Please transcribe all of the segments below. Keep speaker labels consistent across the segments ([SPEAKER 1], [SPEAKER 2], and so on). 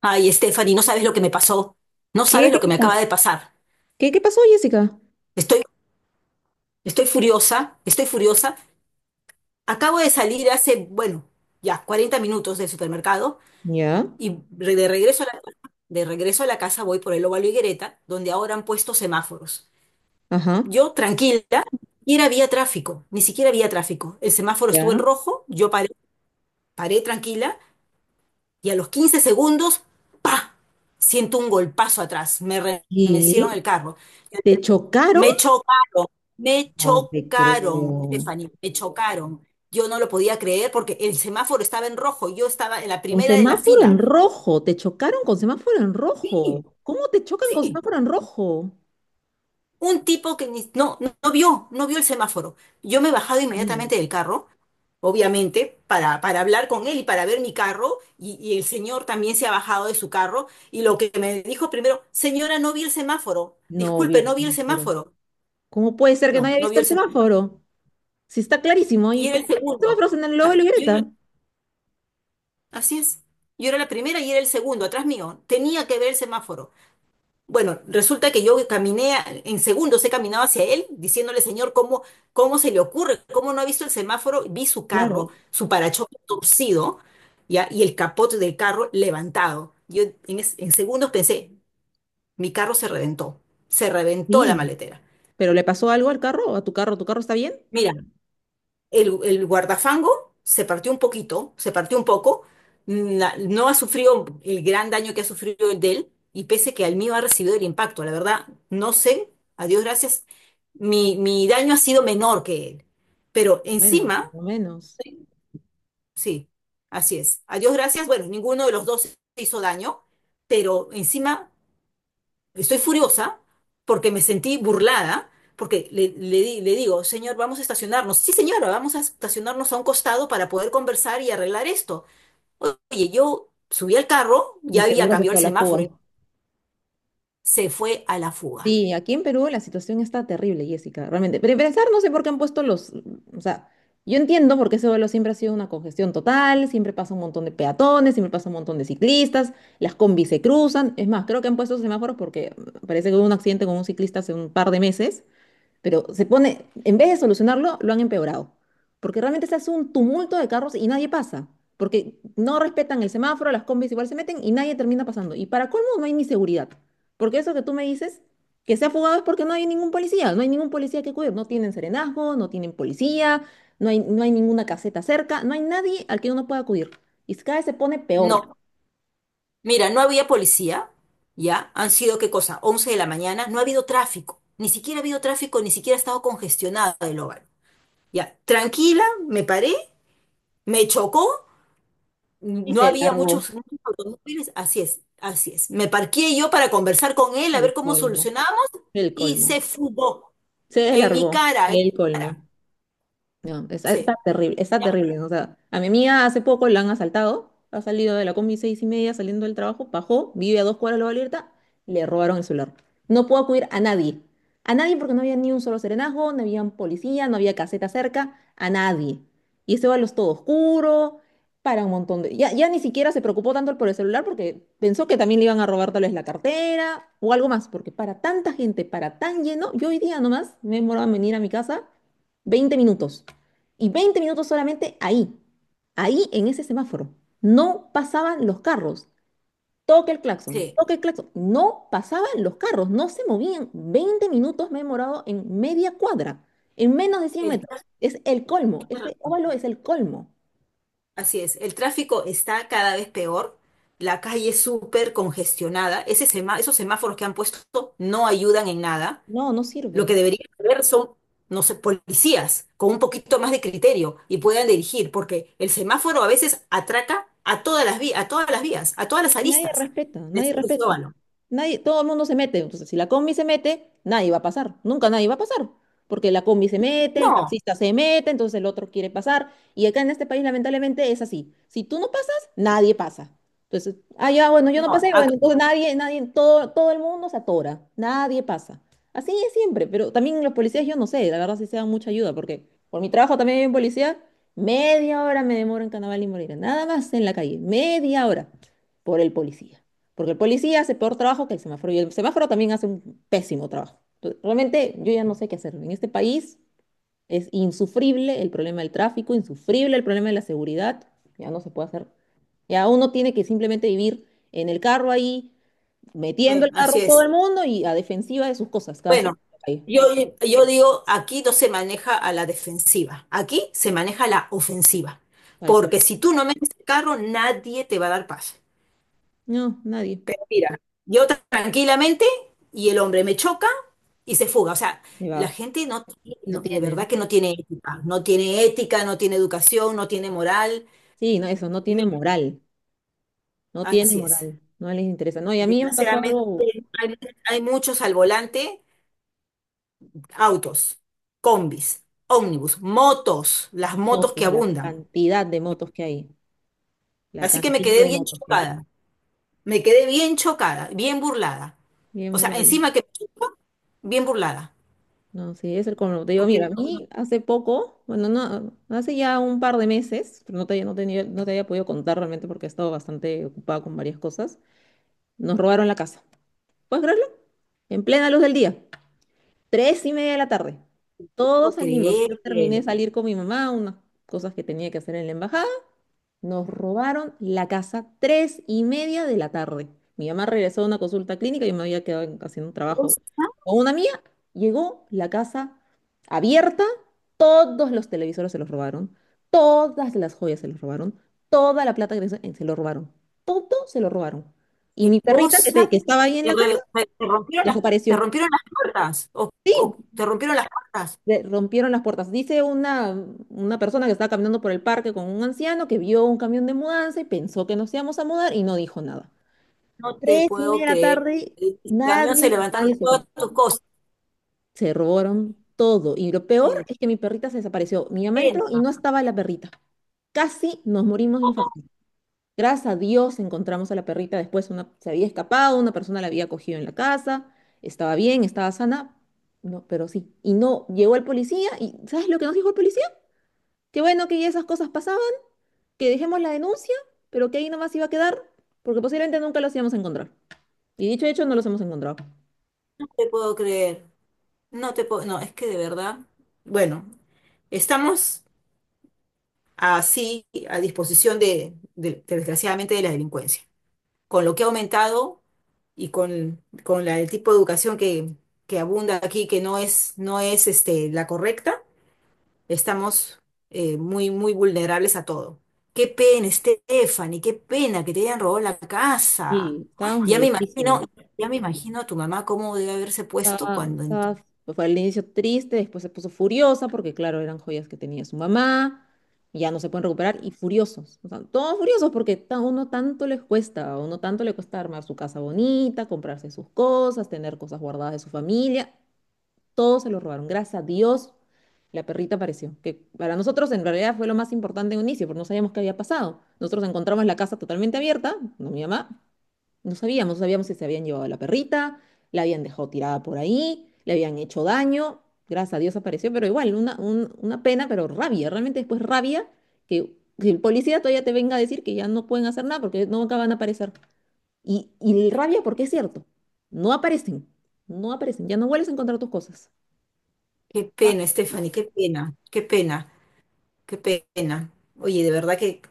[SPEAKER 1] Ay, Stephanie, no sabes lo que me pasó. No
[SPEAKER 2] ¿Qué,
[SPEAKER 1] sabes
[SPEAKER 2] qué,
[SPEAKER 1] lo que
[SPEAKER 2] qué
[SPEAKER 1] me
[SPEAKER 2] pasó?
[SPEAKER 1] acaba de pasar.
[SPEAKER 2] ¿Qué pasó, Jessica?
[SPEAKER 1] Estoy, estoy furiosa, estoy furiosa. Acabo de salir hace, bueno, ya 40 minutos del supermercado
[SPEAKER 2] Ya,
[SPEAKER 1] y de regreso a la casa voy por el Óvalo Higuereta, donde ahora han puesto semáforos.
[SPEAKER 2] ajá,
[SPEAKER 1] Yo, tranquila, ni siquiera había tráfico, ni siquiera había tráfico. El semáforo estuvo en
[SPEAKER 2] ya.
[SPEAKER 1] rojo, yo paré tranquila y a los 15 segundos, ¡pa! Siento un golpazo atrás. Me remecieron
[SPEAKER 2] ¿Y
[SPEAKER 1] el carro.
[SPEAKER 2] te chocaron?
[SPEAKER 1] Me chocaron, me
[SPEAKER 2] No te
[SPEAKER 1] chocaron,
[SPEAKER 2] creo.
[SPEAKER 1] Stephanie, me chocaron. Yo no lo podía creer porque el semáforo estaba en rojo, yo estaba en la
[SPEAKER 2] Con
[SPEAKER 1] primera de la
[SPEAKER 2] semáforo en
[SPEAKER 1] fila.
[SPEAKER 2] rojo, te chocaron con semáforo en
[SPEAKER 1] Sí,
[SPEAKER 2] rojo. ¿Cómo te chocan con
[SPEAKER 1] sí.
[SPEAKER 2] semáforo en rojo?
[SPEAKER 1] Un tipo que no vio el semáforo. Yo me he bajado
[SPEAKER 2] Mm,
[SPEAKER 1] inmediatamente del carro, obviamente, para hablar con él y para ver mi carro, y el señor también se ha bajado de su carro, y lo que me dijo primero, señora, no vi el semáforo,
[SPEAKER 2] No vio
[SPEAKER 1] disculpe,
[SPEAKER 2] el
[SPEAKER 1] no vi el
[SPEAKER 2] semáforo.
[SPEAKER 1] semáforo.
[SPEAKER 2] ¿Cómo puede ser que no
[SPEAKER 1] No,
[SPEAKER 2] haya
[SPEAKER 1] no
[SPEAKER 2] visto
[SPEAKER 1] vio
[SPEAKER 2] el
[SPEAKER 1] el semáforo.
[SPEAKER 2] semáforo? Si está clarísimo,
[SPEAKER 1] Y
[SPEAKER 2] ¿y
[SPEAKER 1] era
[SPEAKER 2] cómo
[SPEAKER 1] el
[SPEAKER 2] están los
[SPEAKER 1] segundo. O
[SPEAKER 2] semáforos en el logo
[SPEAKER 1] sea,
[SPEAKER 2] de la
[SPEAKER 1] yo era
[SPEAKER 2] libreta?
[SPEAKER 1] así es. Yo era la primera y era el segundo, atrás mío. Tenía que ver el semáforo. Bueno, resulta que yo caminé, en segundos he caminado hacia él, diciéndole, señor, ¿cómo se le ocurre? ¿Cómo no ha visto el semáforo? Vi su
[SPEAKER 2] Claro,
[SPEAKER 1] carro, su parachoques torcido, ¿ya? Y el capot del carro levantado. En segundos pensé, mi carro se reventó. Se reventó la
[SPEAKER 2] sí.
[SPEAKER 1] maletera.
[SPEAKER 2] ¿Pero le pasó algo al carro? ¿A tu carro? ¿Tu carro está bien?
[SPEAKER 1] Mira, el guardafango se partió un poquito, se partió un poco, no ha sufrido el gran daño que ha sufrido el de él, y pese que al mío ha recibido el impacto, la verdad, no sé, a Dios gracias, mi daño ha sido menor que él. Pero
[SPEAKER 2] Bueno,
[SPEAKER 1] encima,
[SPEAKER 2] por lo menos.
[SPEAKER 1] sí, así es. A Dios gracias, bueno, ninguno de los dos se hizo daño, pero encima estoy furiosa porque me sentí burlada, porque le digo, señor, vamos a estacionarnos. Sí, señora, vamos a estacionarnos a un costado para poder conversar y arreglar esto. Oye, yo subí al carro,
[SPEAKER 2] Y
[SPEAKER 1] ya había
[SPEAKER 2] seguro se
[SPEAKER 1] cambiado el
[SPEAKER 2] fue a la
[SPEAKER 1] semáforo, y
[SPEAKER 2] fuga.
[SPEAKER 1] se fue a la fuga.
[SPEAKER 2] Sí, aquí en Perú la situación está terrible, Jessica, realmente. Pero en pensar, no sé por qué han puesto los... O sea, yo entiendo por qué ese vuelo siempre ha sido una congestión total, siempre pasa un montón de peatones, siempre pasa un montón de ciclistas, las combis se cruzan. Es más, creo que han puesto semáforos porque parece que hubo un accidente con un ciclista hace un par de meses, pero se pone, en vez de solucionarlo, lo han empeorado. Porque realmente se hace un tumulto de carros y nadie pasa. Porque no respetan el semáforo, las combis igual se meten y nadie termina pasando. Y para colmo no hay ni seguridad. Porque eso que tú me dices, que se ha fugado es porque no hay ningún policía. No hay ningún policía que cubrir. No tienen serenazgo, no tienen policía, no hay ninguna caseta cerca, no hay nadie al que uno pueda acudir. Y cada vez se pone peor.
[SPEAKER 1] No, mira, no había policía, ya, han sido, ¿qué cosa? 11 de la mañana, no ha habido tráfico, ni siquiera ha habido tráfico, ni siquiera ha estado congestionado el hogar. Ya, tranquila, me paré, me chocó.
[SPEAKER 2] Y
[SPEAKER 1] No
[SPEAKER 2] se
[SPEAKER 1] había muchos,
[SPEAKER 2] largó
[SPEAKER 1] muchos automóviles, así es, así es. Me parqué yo para conversar con él, a
[SPEAKER 2] el
[SPEAKER 1] ver cómo
[SPEAKER 2] colmo.
[SPEAKER 1] solucionamos,
[SPEAKER 2] El
[SPEAKER 1] y
[SPEAKER 2] colmo.
[SPEAKER 1] se fugó
[SPEAKER 2] Se
[SPEAKER 1] en mi
[SPEAKER 2] largó
[SPEAKER 1] cara, en mi
[SPEAKER 2] el
[SPEAKER 1] cara.
[SPEAKER 2] colmo. No, está
[SPEAKER 1] Sí,
[SPEAKER 2] terrible, está
[SPEAKER 1] ya,
[SPEAKER 2] terrible. ¿No? O sea, a mi amiga hace poco la han asaltado, ha salido de la combi 6:30 saliendo del trabajo, bajó, vive a 2 cuadras de la Vallarta, le robaron el celular. No pudo acudir a nadie porque no había ni un solo serenazgo, no había un policía, no había caseta cerca, a nadie. Y ese es todo oscuro, para un montón de... Ya, ya ni siquiera se preocupó tanto por el celular porque pensó que también le iban a robar tal vez la cartera o algo más, porque para tanta gente, para tan lleno, yo hoy día nomás me demoraba en venir a mi casa 20 minutos. Y 20 minutos solamente ahí en ese semáforo. No pasaban los carros. Toque el claxon,
[SPEAKER 1] sí.
[SPEAKER 2] toque el claxon. No pasaban los carros, no se movían. 20 minutos me he demorado en media cuadra, en menos de 100
[SPEAKER 1] El tra-
[SPEAKER 2] metros. Es el colmo, ese óvalo es el colmo.
[SPEAKER 1] Así es, el tráfico está cada vez peor, la calle es súper congestionada, esos semáforos que han puesto no ayudan en nada.
[SPEAKER 2] No, no
[SPEAKER 1] Lo que
[SPEAKER 2] sirven.
[SPEAKER 1] deberían haber son, no sé, policías con un poquito más de criterio y puedan dirigir, porque el semáforo a veces atraca a todas las vías, a todas las vías, a todas
[SPEAKER 2] Es
[SPEAKER 1] las
[SPEAKER 2] que nadie
[SPEAKER 1] aristas
[SPEAKER 2] respeta,
[SPEAKER 1] de
[SPEAKER 2] nadie
[SPEAKER 1] Circuito
[SPEAKER 2] respeta.
[SPEAKER 1] Urbano.
[SPEAKER 2] Nadie, todo el mundo se mete. Entonces, si la combi se mete, nadie va a pasar. Nunca nadie va a pasar. Porque la combi se mete, el
[SPEAKER 1] No,
[SPEAKER 2] taxista se mete, entonces el otro quiere pasar. Y acá en este país, lamentablemente, es así. Si tú no pasas, nadie pasa. Entonces, ah, ya, bueno, yo no
[SPEAKER 1] no,
[SPEAKER 2] pasé,
[SPEAKER 1] acá-
[SPEAKER 2] bueno, entonces nadie, todo el mundo se atora. Nadie pasa. Así es siempre. Pero también los policías, yo no sé, la verdad sí se dan mucha ayuda, porque por mi trabajo también hay un policía. Media hora me demoro en Carnaval y Moreira. Nada más en la calle. Media hora por el policía. Porque el policía hace peor trabajo que el semáforo y el semáforo también hace un pésimo trabajo. Entonces, realmente yo ya no sé qué hacer. En este país es insufrible el problema del tráfico, insufrible el problema de la seguridad. Ya no se puede hacer. Ya uno tiene que simplemente vivir en el carro ahí, metiendo el
[SPEAKER 1] así
[SPEAKER 2] carro todo
[SPEAKER 1] es.
[SPEAKER 2] el mundo y a defensiva de sus cosas cada vez que
[SPEAKER 1] Bueno,
[SPEAKER 2] sale a la calle.
[SPEAKER 1] yo, yo digo, aquí no se maneja a la defensiva, aquí se maneja a la ofensiva,
[SPEAKER 2] Tal cual.
[SPEAKER 1] porque si tú no metes el carro, nadie te va a dar paz.
[SPEAKER 2] No, nadie
[SPEAKER 1] Pero mira, yo tranquilamente y el hombre me choca y se fuga. O sea,
[SPEAKER 2] se
[SPEAKER 1] la
[SPEAKER 2] va.
[SPEAKER 1] gente
[SPEAKER 2] No
[SPEAKER 1] de
[SPEAKER 2] tiene.
[SPEAKER 1] verdad que no tiene ética, no tiene ética, no tiene educación, no tiene moral.
[SPEAKER 2] Sí, no, eso, no tiene
[SPEAKER 1] Mira,
[SPEAKER 2] moral. No tiene
[SPEAKER 1] así es.
[SPEAKER 2] moral. No les interesa. No, y a mí me pasó
[SPEAKER 1] Desgraciadamente
[SPEAKER 2] algo.
[SPEAKER 1] hay, hay muchos al volante, autos, combis, ómnibus, motos, las motos que
[SPEAKER 2] Motos, la
[SPEAKER 1] abundan.
[SPEAKER 2] cantidad de motos que hay, la
[SPEAKER 1] Así que me
[SPEAKER 2] cantidad
[SPEAKER 1] quedé
[SPEAKER 2] de
[SPEAKER 1] bien
[SPEAKER 2] motos que hay.
[SPEAKER 1] chocada, me quedé bien chocada, bien burlada.
[SPEAKER 2] Bien
[SPEAKER 1] O sea,
[SPEAKER 2] brutal.
[SPEAKER 1] encima que me chocó, bien burlada,
[SPEAKER 2] No, sí, es el como te digo,
[SPEAKER 1] porque
[SPEAKER 2] mira, a
[SPEAKER 1] no, no
[SPEAKER 2] mí hace poco, bueno, no, hace ya un par de meses, pero no te había podido contar realmente porque he estado bastante ocupada con varias cosas. Nos robaron la casa. ¿Puedes creerlo? En plena luz del día, 3:30 de la tarde. Todos
[SPEAKER 1] puedo
[SPEAKER 2] salimos. Yo terminé
[SPEAKER 1] creer.
[SPEAKER 2] de salir con mi mamá, unas cosas que tenía que hacer en la embajada. Nos robaron la casa 3:30 de la tarde. Mi mamá regresó de una consulta clínica y yo me había quedado haciendo un trabajo
[SPEAKER 1] cosa,
[SPEAKER 2] con una mía. Llegó la casa abierta, todos los televisores se los robaron, todas las joyas se los robaron, toda la plata que tenían se lo robaron, todo se lo robaron. Y
[SPEAKER 1] Qué
[SPEAKER 2] mi perrita que
[SPEAKER 1] cosa,
[SPEAKER 2] estaba ahí en
[SPEAKER 1] te,
[SPEAKER 2] la casa
[SPEAKER 1] re- te- te rompieron las, te
[SPEAKER 2] desapareció.
[SPEAKER 1] rompieron las puertas, o,
[SPEAKER 2] Sí,
[SPEAKER 1] o te rompieron las puertas.
[SPEAKER 2] le rompieron las puertas. Dice una persona que estaba caminando por el parque con un anciano que vio un camión de mudanza y pensó que nos íbamos a mudar y no dijo nada.
[SPEAKER 1] No te
[SPEAKER 2] Tres y media
[SPEAKER 1] puedo
[SPEAKER 2] de la
[SPEAKER 1] creer.
[SPEAKER 2] tarde,
[SPEAKER 1] El camión se
[SPEAKER 2] nadie,
[SPEAKER 1] levantaron
[SPEAKER 2] nadie se contó.
[SPEAKER 1] todas tus cosas.
[SPEAKER 2] Se robaron todo. Y lo peor
[SPEAKER 1] Eh,
[SPEAKER 2] es que mi perrita se desapareció. Mi mamá entró y
[SPEAKER 1] Pena,
[SPEAKER 2] no estaba la perrita. Casi nos morimos de infarto. Gracias a Dios encontramos a la perrita. Después se había escapado, una persona la había cogido en la casa. Estaba bien, estaba sana. No, pero sí. Y no, llegó el policía y ¿sabes lo que nos dijo el policía? Qué bueno que ya esas cosas pasaban, que dejemos la denuncia, pero que ahí nomás iba a quedar, porque posiblemente nunca los íbamos a encontrar. Y dicho y hecho, no los hemos encontrado.
[SPEAKER 1] no te puedo creer. No te puedo, no, es que de verdad, bueno, estamos así a disposición desgraciadamente, de la delincuencia. Con lo que ha aumentado y el tipo de educación que abunda aquí, que no es, no es este, la correcta, estamos muy, muy vulnerables a todo. Qué pena, Stephanie, qué pena que te hayan robado la casa.
[SPEAKER 2] Sí,
[SPEAKER 1] Ay,
[SPEAKER 2] estábamos
[SPEAKER 1] ya me imagino,
[SPEAKER 2] molestísimos.
[SPEAKER 1] ya me imagino a tu mamá cómo debe haberse puesto
[SPEAKER 2] Estaba,
[SPEAKER 1] cuando entró.
[SPEAKER 2] estaba- Fue al inicio triste, después se puso furiosa, porque claro, eran joyas que tenía su mamá, y ya no se pueden recuperar, y furiosos. O sea, todos furiosos porque uno tanto les cuesta, a uno tanto le cuesta armar su casa bonita, comprarse sus cosas, tener cosas guardadas de su familia. Todo se lo robaron. Gracias a Dios, la perrita apareció. Que para nosotros en realidad fue lo más importante en un inicio, porque no sabíamos qué había pasado. Nosotros encontramos la casa totalmente abierta, no mi mamá, no sabíamos si se habían llevado a la perrita, la habían dejado tirada por ahí, le habían hecho daño. Gracias a Dios apareció, pero igual, una pena, pero rabia, realmente después rabia que, que el policía todavía te venga a decir que ya no pueden hacer nada porque no acaban a aparecer. Y rabia porque es cierto, no aparecen, no aparecen, ya no vuelves a encontrar tus cosas.
[SPEAKER 1] Qué
[SPEAKER 2] Ah,
[SPEAKER 1] pena, Stephanie, qué pena, qué pena. Qué pena. Oye, de verdad que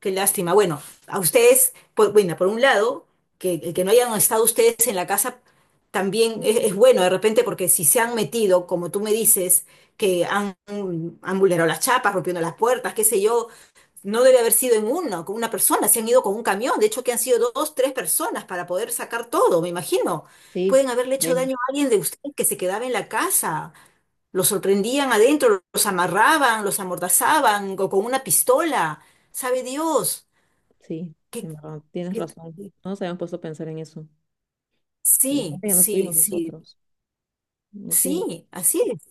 [SPEAKER 1] qué lástima. Bueno, a ustedes, bueno, por un lado, que el que no hayan estado ustedes en la casa también es bueno de repente porque si se han metido, como tú me dices, que han vulnerado las chapas, rompiendo las puertas, qué sé yo, no debe haber sido en una con una persona, se han ido con un camión, de hecho que han sido dos, tres personas para poder sacar todo, me imagino.
[SPEAKER 2] sí,
[SPEAKER 1] Pueden haberle hecho
[SPEAKER 2] Damon,
[SPEAKER 1] daño a alguien de ustedes que se quedaba en la casa. Los sorprendían adentro, los amarraban, los amordazaban o con una pistola. ¿Sabe Dios?
[SPEAKER 2] sí,
[SPEAKER 1] que
[SPEAKER 2] en verdad, tienes
[SPEAKER 1] qué-
[SPEAKER 2] razón. No nos habíamos puesto a pensar en eso.
[SPEAKER 1] Sí,
[SPEAKER 2] Imagínate que no
[SPEAKER 1] sí,
[SPEAKER 2] estuvimos
[SPEAKER 1] sí,
[SPEAKER 2] nosotros. No sé,
[SPEAKER 1] sí, así es.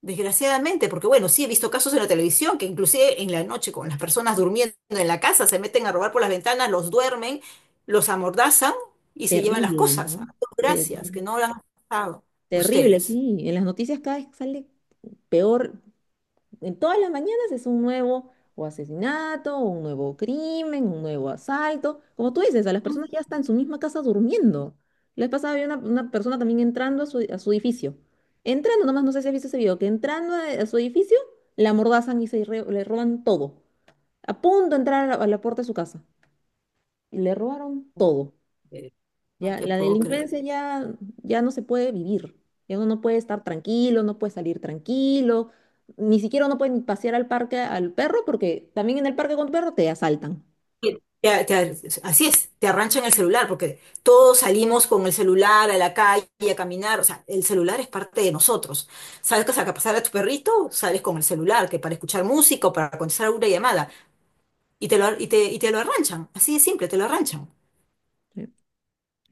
[SPEAKER 1] Desgraciadamente, porque bueno, sí he visto casos en la televisión que inclusive en la noche con las personas durmiendo en la casa se meten a robar por las ventanas, los duermen, los amordazan y se llevan las
[SPEAKER 2] terrible,
[SPEAKER 1] cosas.
[SPEAKER 2] ¿no?
[SPEAKER 1] Ah, no,
[SPEAKER 2] Ter-
[SPEAKER 1] gracias, que no lo han pasado
[SPEAKER 2] Terrible,
[SPEAKER 1] ustedes.
[SPEAKER 2] sí. En las noticias cada vez sale peor. En todas las mañanas es un nuevo o asesinato, un nuevo crimen, un nuevo asalto. Como tú dices, a las
[SPEAKER 1] Mm.
[SPEAKER 2] personas ya están en su misma casa durmiendo. La vez pasada había una persona también entrando a su edificio. Entrando, nomás no sé si has visto ese video, que entrando a su edificio, la amordazan y le roban todo. A punto de entrar a la puerta de su casa. Y le robaron todo.
[SPEAKER 1] eh, No
[SPEAKER 2] Ya,
[SPEAKER 1] te
[SPEAKER 2] la
[SPEAKER 1] puedo creer.
[SPEAKER 2] delincuencia ya no se puede vivir. Ya uno no puede estar tranquilo, no puede salir tranquilo. Ni siquiera uno puede ni pasear al parque al perro porque también en el parque con tu perro te asaltan.
[SPEAKER 1] te- te- Así es, te arranchan el celular, porque todos salimos con el celular a la calle a caminar, o sea, el celular es parte de nosotros. Sabes que a pasar a tu perrito, sales con el celular, que para escuchar música o para contestar alguna llamada, y te lo, ar- y te lo arranchan, así de simple, te lo arranchan.
[SPEAKER 2] Sí.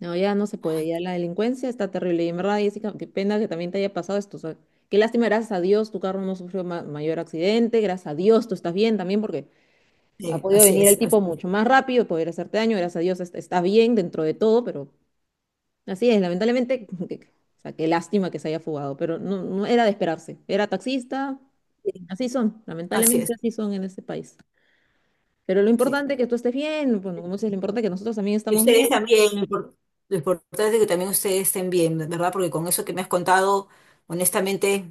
[SPEAKER 2] No, ya no se puede.
[SPEAKER 1] Ay,
[SPEAKER 2] Ya la delincuencia está terrible. Y en verdad, Jessica, qué pena que también te haya pasado esto. O sea, qué lástima, gracias a Dios tu carro no sufrió mayor accidente. Gracias a Dios tú estás bien también porque ha
[SPEAKER 1] sí,
[SPEAKER 2] podido venir el tipo
[SPEAKER 1] así es,
[SPEAKER 2] mucho más rápido, poder hacerte daño. Gracias a Dios estás bien dentro de todo, pero así es, lamentablemente, o sea, qué lástima que se haya fugado, pero no, no era de esperarse. Era taxista,
[SPEAKER 1] sí,
[SPEAKER 2] así son,
[SPEAKER 1] así
[SPEAKER 2] lamentablemente
[SPEAKER 1] es,
[SPEAKER 2] así son en este país. Pero lo
[SPEAKER 1] sí.
[SPEAKER 2] importante es que tú estés bien, bueno, como dices, lo importante es que nosotros también
[SPEAKER 1] Y
[SPEAKER 2] estamos bien.
[SPEAKER 1] ustedes también, lo importante es que también ustedes estén bien, ¿verdad? Porque con eso que me has contado, honestamente,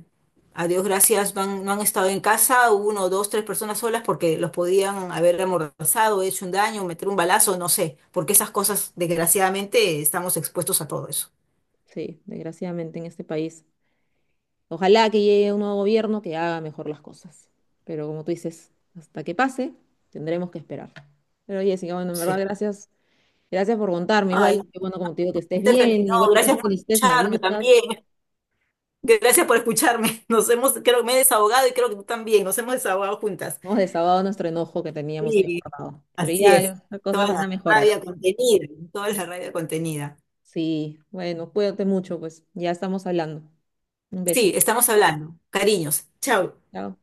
[SPEAKER 1] a Dios gracias, no han estado en casa, uno, dos, tres personas solas, porque los podían haber amordazado, hecho un daño, meter un balazo, no sé, porque esas cosas, desgraciadamente, estamos expuestos a todo eso.
[SPEAKER 2] Sí, desgraciadamente en este país. Ojalá que llegue un nuevo gobierno que haga mejor las cosas. Pero como tú dices, hasta que pase, tendremos que esperar. Pero Jessica, bueno, en verdad,
[SPEAKER 1] Sí.
[SPEAKER 2] gracias, gracias por contarme.
[SPEAKER 1] Ay,
[SPEAKER 2] Igual,
[SPEAKER 1] no,
[SPEAKER 2] que, bueno, como te digo, que estés
[SPEAKER 1] Stephanie,
[SPEAKER 2] bien, igual
[SPEAKER 1] no,
[SPEAKER 2] que caso
[SPEAKER 1] gracias
[SPEAKER 2] que
[SPEAKER 1] por
[SPEAKER 2] necesites, me
[SPEAKER 1] escucharme
[SPEAKER 2] avisas.
[SPEAKER 1] también. Gracias por escucharme. Creo que me he desahogado y creo que tú también, nos hemos desahogado juntas.
[SPEAKER 2] Hemos desahogado nuestro enojo que teníamos ahí
[SPEAKER 1] Sí,
[SPEAKER 2] guardado. Pero
[SPEAKER 1] así
[SPEAKER 2] ya
[SPEAKER 1] es.
[SPEAKER 2] las cosas
[SPEAKER 1] Toda
[SPEAKER 2] van
[SPEAKER 1] la
[SPEAKER 2] a mejorar.
[SPEAKER 1] rabia contenida, toda la rabia contenida.
[SPEAKER 2] Sí, bueno, cuídate mucho, pues ya estamos hablando. Un beso.
[SPEAKER 1] Sí, estamos hablando. Cariños. Chao.
[SPEAKER 2] Chao.